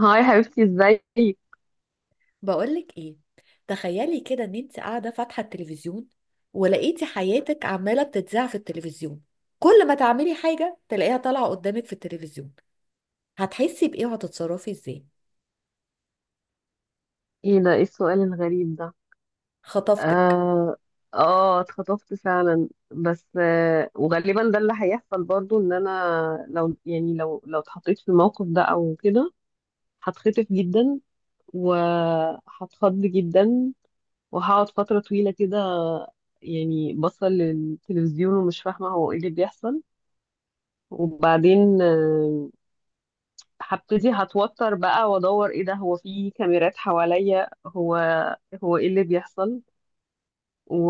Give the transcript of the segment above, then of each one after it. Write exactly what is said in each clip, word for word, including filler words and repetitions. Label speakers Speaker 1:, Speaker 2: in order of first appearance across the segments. Speaker 1: هاي حبيبتي، ازيك؟
Speaker 2: بقولك ايه، تخيلي كده ان انت قاعده فاتحه التلفزيون ولقيتي حياتك عماله بتتذاع في التلفزيون. كل ما تعملي حاجه تلاقيها طالعه قدامك في التلفزيون، هتحسي بايه وهتتصرفي ازاي؟
Speaker 1: ايه ده؟ ايه السؤال الغريب ده؟
Speaker 2: خطفتك.
Speaker 1: اه. اه اتخطفت فعلا بس آه وغالبا ده اللي هيحصل برضو ان انا. لو يعني لو لو اتحطيت في الموقف ده او كده هتخطف جدا، وهتخض جدا، وهقعد فترة طويلة كده. يعني بصل للتلفزيون ومش فاهمة هو ايه اللي بيحصل. وبعدين آه، هبتدي هتوتر بقى وادور، ايه ده؟ هو في كاميرات حواليا؟ هو هو ايه اللي بيحصل و...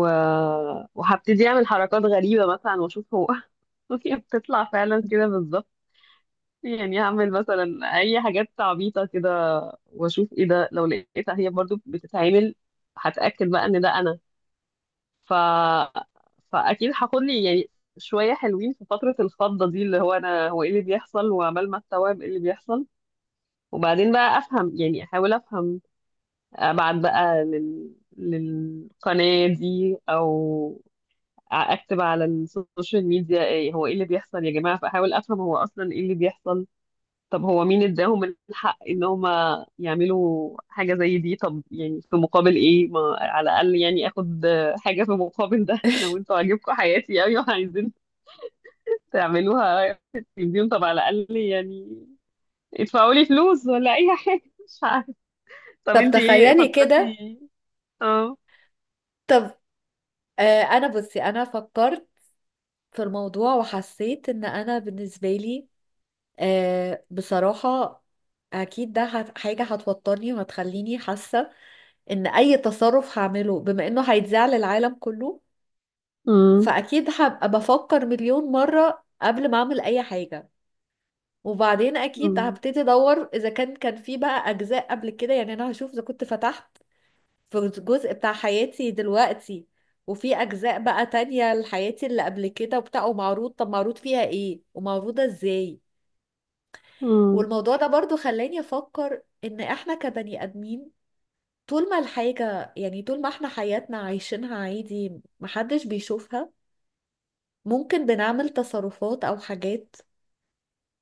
Speaker 1: وهبتدي اعمل حركات غريبة مثلا واشوف هو. هي بتطلع فعلا كده بالظبط. يعني هعمل مثلا اي حاجات عبيطة كده واشوف ايه ده، لو لقيتها هي برضو بتتعمل هتأكد بقى ان ده انا. ف... فاكيد هاخد لي يعني شوية حلوين في فترة الفضة دي، اللي هو انا هو ايه اللي بيحصل وعمال ما استوعب ايه اللي بيحصل. وبعدين بقى افهم، يعني احاول افهم، ابعت بقى لل... للقناة دي او اكتب على السوشيال ميديا ايه هو ايه اللي بيحصل يا جماعة، فاحاول افهم هو اصلا ايه اللي بيحصل. طب هو مين اداهم الحق ان هم يعملوا حاجة زي دي؟ طب يعني في مقابل ايه؟ ما على الاقل يعني اخد حاجة في مقابل ده. لو انتوا عاجبكم حياتي قوي وعايزين تعملوها في التلفزيون طب على الاقل يعني ادفعوا لي فلوس ولا اي حاجة. مش عارفة. طب
Speaker 2: طب
Speaker 1: انتي ايه
Speaker 2: تخيلي كده.
Speaker 1: فكرتي؟ اه.
Speaker 2: طب آه انا بصي انا فكرت في الموضوع وحسيت ان انا بالنسبه لي آه بصراحه اكيد ده هت- حاجه هتوترني وهتخليني حاسه ان اي تصرف هعمله بما انه هيتذاع للعالم كله.
Speaker 1: امم.
Speaker 2: فاكيد هبقى بفكر مليون مرة قبل ما اعمل اي حاجة. وبعدين اكيد
Speaker 1: امم.
Speaker 2: هبتدي ادور اذا كان كان في بقى اجزاء قبل كده، يعني انا هشوف اذا كنت فتحت في جزء بتاع حياتي دلوقتي وفي اجزاء بقى تانية لحياتي اللي قبل كده وبتاع، ومعروض طب معروض فيها ايه ومعروضة ازاي.
Speaker 1: امم.
Speaker 2: والموضوع ده برضو خلاني افكر ان احنا كبني ادمين، طول ما الحاجة يعني طول ما احنا حياتنا عايشينها عادي محدش بيشوفها ممكن بنعمل تصرفات او حاجات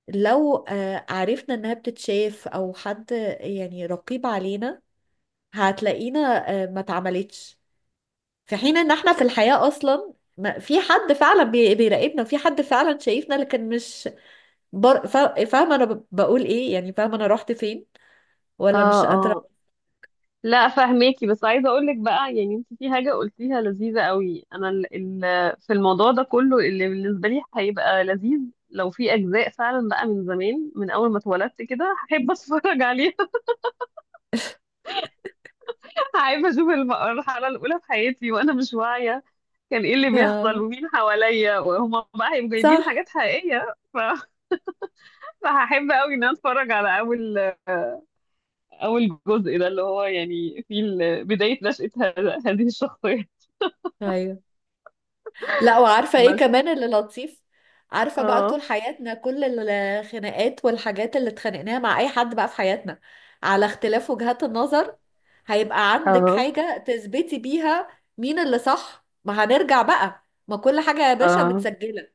Speaker 2: لو آه، عرفنا انها بتتشاف او حد يعني رقيب علينا هتلاقينا آه، ما اتعملتش. في حين ان احنا في الحياة اصلا ما في حد فعلا بي- بيراقبنا، في حد فعلا شايفنا لكن مش بر... فا- فاهمة انا ب- بقول ايه، يعني فاهمة انا رحت فين ولا
Speaker 1: اه،
Speaker 2: مش
Speaker 1: اه،
Speaker 2: قادرة؟
Speaker 1: لا فهميكي، بس عايزه اقول لك بقى يعني انت في حاجه قلتيها لذيذه قوي. انا ال ال في الموضوع ده كله اللي بالنسبه لي هيبقى لذيذ لو في اجزاء فعلا بقى من زمان، من اول ما اتولدت كده، هحب اتفرج عليها. هحب اشوف الم- المرحله الاولى في حياتي وانا مش واعيه، كان ايه اللي بيحصل
Speaker 2: آه،
Speaker 1: ومين حواليا، وهما بقى هيبقوا جايبين
Speaker 2: صح.
Speaker 1: حاجات حقيقيه ف- فهحب قوي ان انا اتفرج على اول اول جزء ده، اللي هو يعني في ال- بداية نشأة هذا- هذه الشخصية.
Speaker 2: ايوه، لا وعارفة ايه
Speaker 1: بس.
Speaker 2: كمان اللي لطيف؟ عارفة بقى طول
Speaker 1: اه،
Speaker 2: حياتنا كل الخناقات والحاجات اللي اتخانقناها مع اي حد بقى في حياتنا على اختلاف وجهات النظر، هيبقى عندك
Speaker 1: اه،
Speaker 2: حاجة تثبتي بيها مين اللي صح. ما هنرجع بقى، ما كل حاجة يا باشا
Speaker 1: اه.
Speaker 2: متسجلة،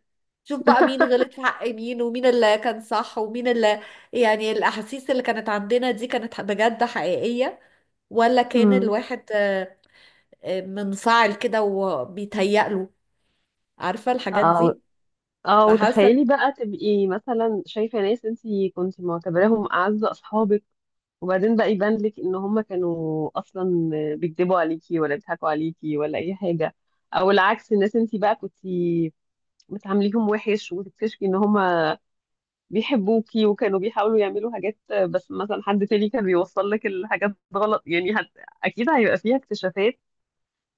Speaker 2: شوف بقى مين غلط في حق مين ومين اللي كان صح ومين اللي، يعني الأحاسيس اللي كانت عندنا دي كانت بجد حقيقية ولا كان
Speaker 1: امم.
Speaker 2: الواحد آه، آه، منفعل كده وبيتهيأ له، عارفة الحاجات
Speaker 1: اه،
Speaker 2: دي؟
Speaker 1: اه،
Speaker 2: فحاسه.
Speaker 1: وتخيلي بقى تبقي مثلا شايفة ناس انتي كنت معتبراهم أعز أصحابك، وبعدين بقى يبان لك ان هم كانوا اصلا بيكذبوا عليكي ولا بيضحكوا عليكي ولا اي حاجة. او العكس، الناس انتي بقى كنتي بتعامليهم وحش وتكتشفي ان هم بيحبوكي وكانوا بيحاولوا يعملوا حاجات، آه، بس مثلا حد تاني كان بيوصل لك الحاجات غلط يعني هت... اكيد هيبقى فيها اكتشافات،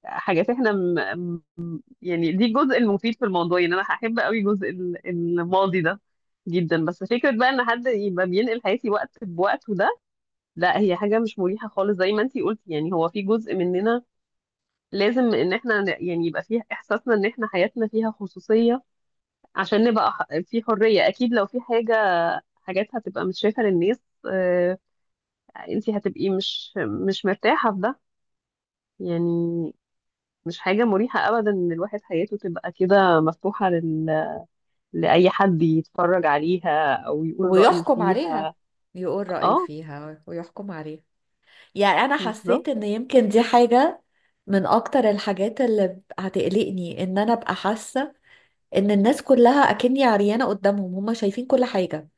Speaker 1: حاجات احنا م... م- يعني دي الجزء المفيد في الموضوع. يعني انا هحب قوي جزء ال- الماضي ده جدا. بس فكرة بقى ان حد يبقى بينقل حياتي وقت بوقته ده، لا، هي حاجة مش مريحة خالص. زي ما انتي قلتي، يعني هو في جزء مننا لازم ان احنا ن- يعني يبقى فيها احساسنا ان احنا حياتنا فيها خصوصية عشان نبقى ح- في حرية. اكيد لو في حاجة حاجات هتبقى مش شايفة للناس، آه، انت هتبقي مش مش مرتاحة في ده. يعني مش حاجة مريحة أبدا إن الواحد حياته تبقى كده مفتوحة لل... لأي حد يتفرج عليها أو يقول رأيه
Speaker 2: ويحكم عليها،
Speaker 1: فيها.
Speaker 2: يقول رأيه
Speaker 1: اه،
Speaker 2: فيها ويحكم عليها. يعني انا
Speaker 1: بالظبط.
Speaker 2: حسيت ان يمكن دي حاجة من اكتر الحاجات اللي هتقلقني، ان انا ابقى حاسة ان الناس كلها اكني عريانة قدامهم، هما شايفين كل حاجة،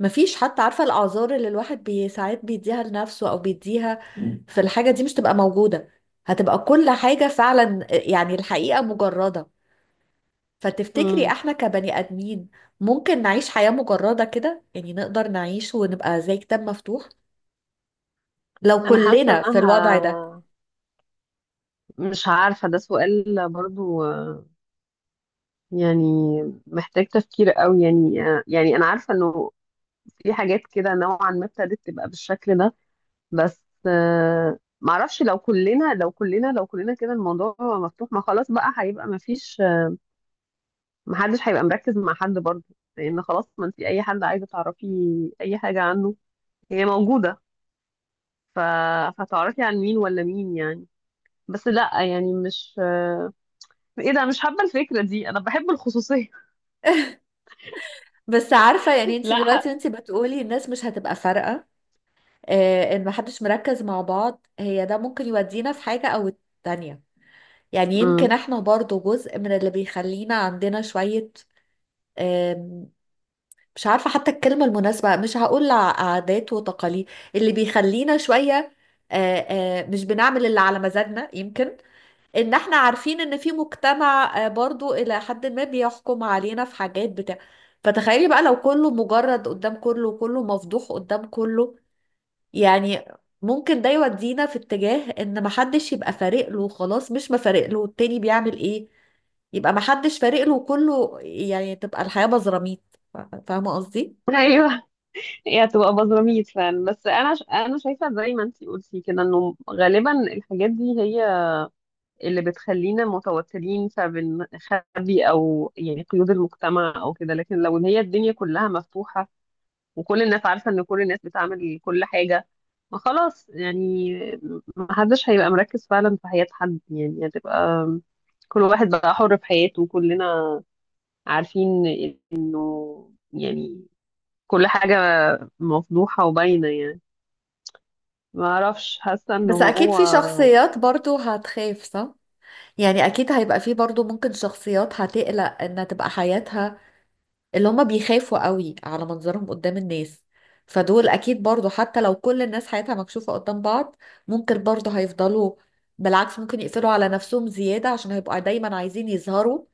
Speaker 2: مفيش حتى عارفة الاعذار اللي الواحد بي ساعات بيديها لنفسه او بيديها في الحاجة دي مش تبقى موجودة، هتبقى كل حاجة فعلا يعني الحقيقة مجردة. فتفتكري
Speaker 1: مم.
Speaker 2: احنا كبني ادمين ممكن نعيش حياة مجردة كده؟ يعني نقدر نعيش ونبقى زي كتاب مفتوح لو
Speaker 1: أنا حاسة
Speaker 2: كلنا في الوضع ده؟
Speaker 1: إنها، مش عارفة، ده سؤال برضو آه، يعني محتاج تفكير قوي. يعني آه، يعني أنا عارفة إنه في حاجات كده نوعا ما ابتدت تبقى بالشكل ده، بس آه، معرفش. لو كلنا، لو كلنا لو كلنا كده الموضوع مفتوح، ما خلاص بقى هيبقى ما فيش، ما حدش هيبقى مركز مع حد برضه. لان خلاص ما انت اي حد عايزه تعرفي اي حاجه عنه هي موجوده، ف... فتعرفي عن مين ولا مين يعني. بس لا يعني مش آه، ايه ده، مش حابه الفكره دي، انا بحب الخصوصيه.
Speaker 2: بس عارفة، يعني انت
Speaker 1: لا ح...
Speaker 2: دلوقتي انت بتقولي الناس مش هتبقى فارقة، اه ان محدش مركز مع بعض، هي ده ممكن يودينا في حاجة او التانية. يعني
Speaker 1: مم.
Speaker 2: يمكن احنا برضو جزء من اللي بيخلينا عندنا شوية، مش عارفة حتى الكلمة المناسبة، مش هقول ع- عادات وتقاليد اللي بيخلينا شوية آه، آه، مش بنعمل اللي على مزاجنا، يمكن ان احنا عارفين ان في مجتمع آه، برضو الى حد ما بيحكم علينا في حاجات بتاع فتخيلي بقى لو كله مجرد قدام كله وكله مفضوح قدام كله، يعني ممكن ده يودينا في اتجاه ان محدش يبقى فارق له، خلاص مش مفارق له التاني بيعمل ايه، يبقى محدش فارق له وكله، يعني تبقى الحياة بزراميط. فاهمة قصدي؟
Speaker 1: ايوه، هي هتبقى بزراميط فعلا. بس انا ش... انا شايفه زي ما انت قلتي كده انه غالبا الحاجات دي هي اللي بتخلينا متوترين فبن- خبي، او يعني قيود المجتمع او كده، لكن لو ان هي الدنيا كلها مفتوحة وكل الناس عارفة ان كل الناس بتعمل كل حاجة، ما خلاص يعني محدش هيبقى مركز فعلا في حياة حد. يعني هتبقى كل واحد بقى حر في حياته، وكلنا عارفين انه يعني كل حاجة مفضوحة وباينة يعني. ما اعرفش، حاسة ان
Speaker 2: بس اكيد
Speaker 1: هو،
Speaker 2: في شخصيات برضو هتخاف، صح؟ يعني اكيد هيبقى في برضو ممكن شخصيات هتقلق انها تبقى حياتها، اللي هما بيخافوا قوي على منظرهم قدام الناس، فدول اكيد برضو حتى لو كل الناس حياتها مكشوفة قدام بعض ممكن برضو هيفضلوا. بالعكس ممكن يقفلوا على نفسهم زيادة عشان هيبقوا دايما عايزين يظهروا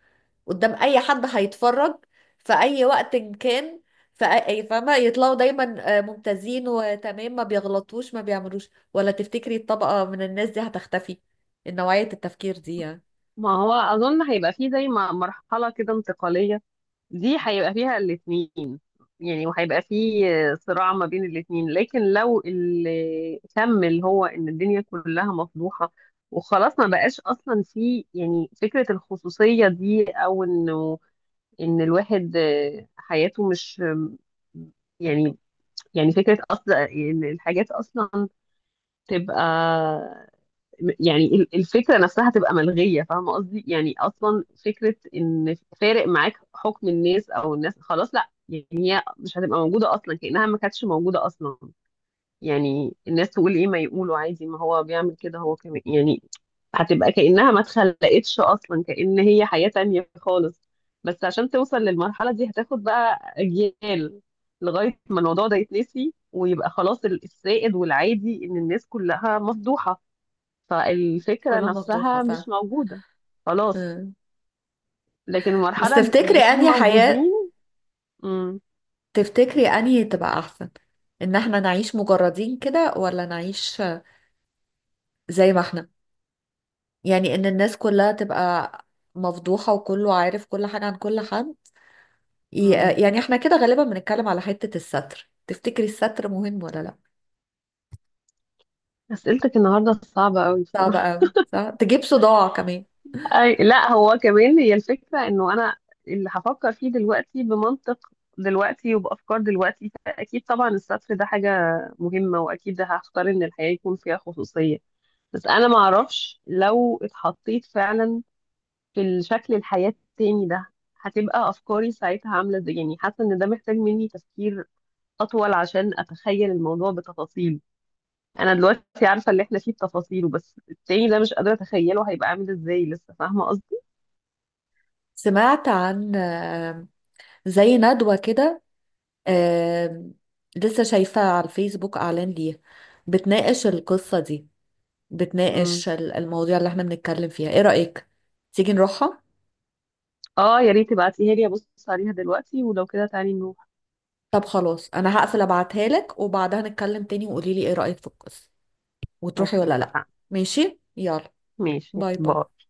Speaker 2: قدام اي حد هيتفرج في اي وقت إن كان في اي، فاهمه؟ يطلعوا دايما آه، ممتازين وتمام، ما بيغلطوش ما بيعملوش. ولا تفتكري الطبقه من الناس دي هتختفي، نوعيه التفكير دي يعني؟
Speaker 1: ما هو اظن هيبقى فيه زي ما مرحلة كده انتقالية، دي هيبقى فيها الاثنين، يعني وهيبقى فيه صراع ما بين الاثنين. لكن لو اللي كمل هو ان الدنيا كلها مفضوحة وخلاص، ما بقاش اصلا في يعني فكرة الخصوصية دي، او انه ان الواحد آه، حياته مش، يعني يعني فكرة اصلا الحاجات اصلا تبقى، يعني ال- الفكرة نفسها تبقى ملغية. فاهمة قصدي؟ يعني أصلا فكرة إن فارق معاك حكم الناس أو الناس، خلاص لا يعني هي مش هتبقى موجودة أصلا، كأنها ما كانتش موجودة أصلا. يعني الناس تقول إيه؟ ما يقولوا عادي، ما هو بيعمل كده هو كمان يعني. هتبقى كأنها ما اتخلقتش أصلا، كأن هي حياة تانية خالص. بس عشان توصل للمرحلة دي هتاخد بقى أجيال لغاية ما الموضوع ده يتنسي ويبقى خلاص ال- السائد والعادي إن الناس كلها مفضوحة، فالفكرة
Speaker 2: كلها مفضوحه
Speaker 1: نفسها
Speaker 2: فعلا.
Speaker 1: مش موجودة. خلاص.
Speaker 2: مم.
Speaker 1: لكن
Speaker 2: بس
Speaker 1: المرحلة
Speaker 2: تفتكري
Speaker 1: الاتنين
Speaker 2: انهي حياه،
Speaker 1: موجودين. مم.
Speaker 2: تفتكري انهي تبقى احسن، ان احنا نعيش مجردين كده ولا نعيش زي ما احنا؟ يعني ان الناس كلها تبقى مفضوحه وكله عارف كل حاجه عن كل حد، ي-
Speaker 1: مم.
Speaker 2: يعني احنا كده غالبا بنتكلم على حتة الستر، تفتكري الستر مهم ولا لا؟
Speaker 1: أسئلتك النهاردة صعبة أوي
Speaker 2: صعب
Speaker 1: بصراحة.
Speaker 2: قوي، صح، تجيب صداع كمان.
Speaker 1: أي لا، هو كمان هي الفكرة، إنه أنا اللي هفكر فيه دلوقتي بمنطق دلوقتي وبأفكار دلوقتي، فأكيد طبعا السطر ده حاجة مهمة، وأكيد ده هختار إن الحياة يكون فيها خصوصية. بس أنا معرفش لو اتحطيت فعلا في الشكل الحياة التاني ده هتبقى أفكاري ساعتها عاملة إزاي. يعني حاسة إن ده محتاج مني تفكير اطول عشان اتخيل الموضوع بتفاصيل. انا دلوقتي عارفه اللي احنا فيه بتفاصيله، بس التاني ده مش قادره اتخيله هيبقى عامل ازاي لسه، فاهمه قصدي؟
Speaker 2: سمعت عن آم، زي ندوة كده، آم، لسه شايفة على الفيسبوك اعلان ليها، بتناقش القصة دي،
Speaker 1: مم.
Speaker 2: بتناقش ال- المواضيع اللي احنا بنتكلم فيها، ايه رأيك تيجي نروحها؟
Speaker 1: اه يا ريت تبعتيها لي ابص عليها دلوقتي، ولو كده تعالي نروح.
Speaker 2: طب خلاص انا هقفل ابعتها لك وبعدها نتكلم تاني وقولي لي ايه رأيك في القصة، وتروحي
Speaker 1: اوكي،
Speaker 2: ولا لا.
Speaker 1: اتفقنا.
Speaker 2: ماشي، يلا.
Speaker 1: ماشي،
Speaker 2: باي
Speaker 1: باي.
Speaker 2: باي.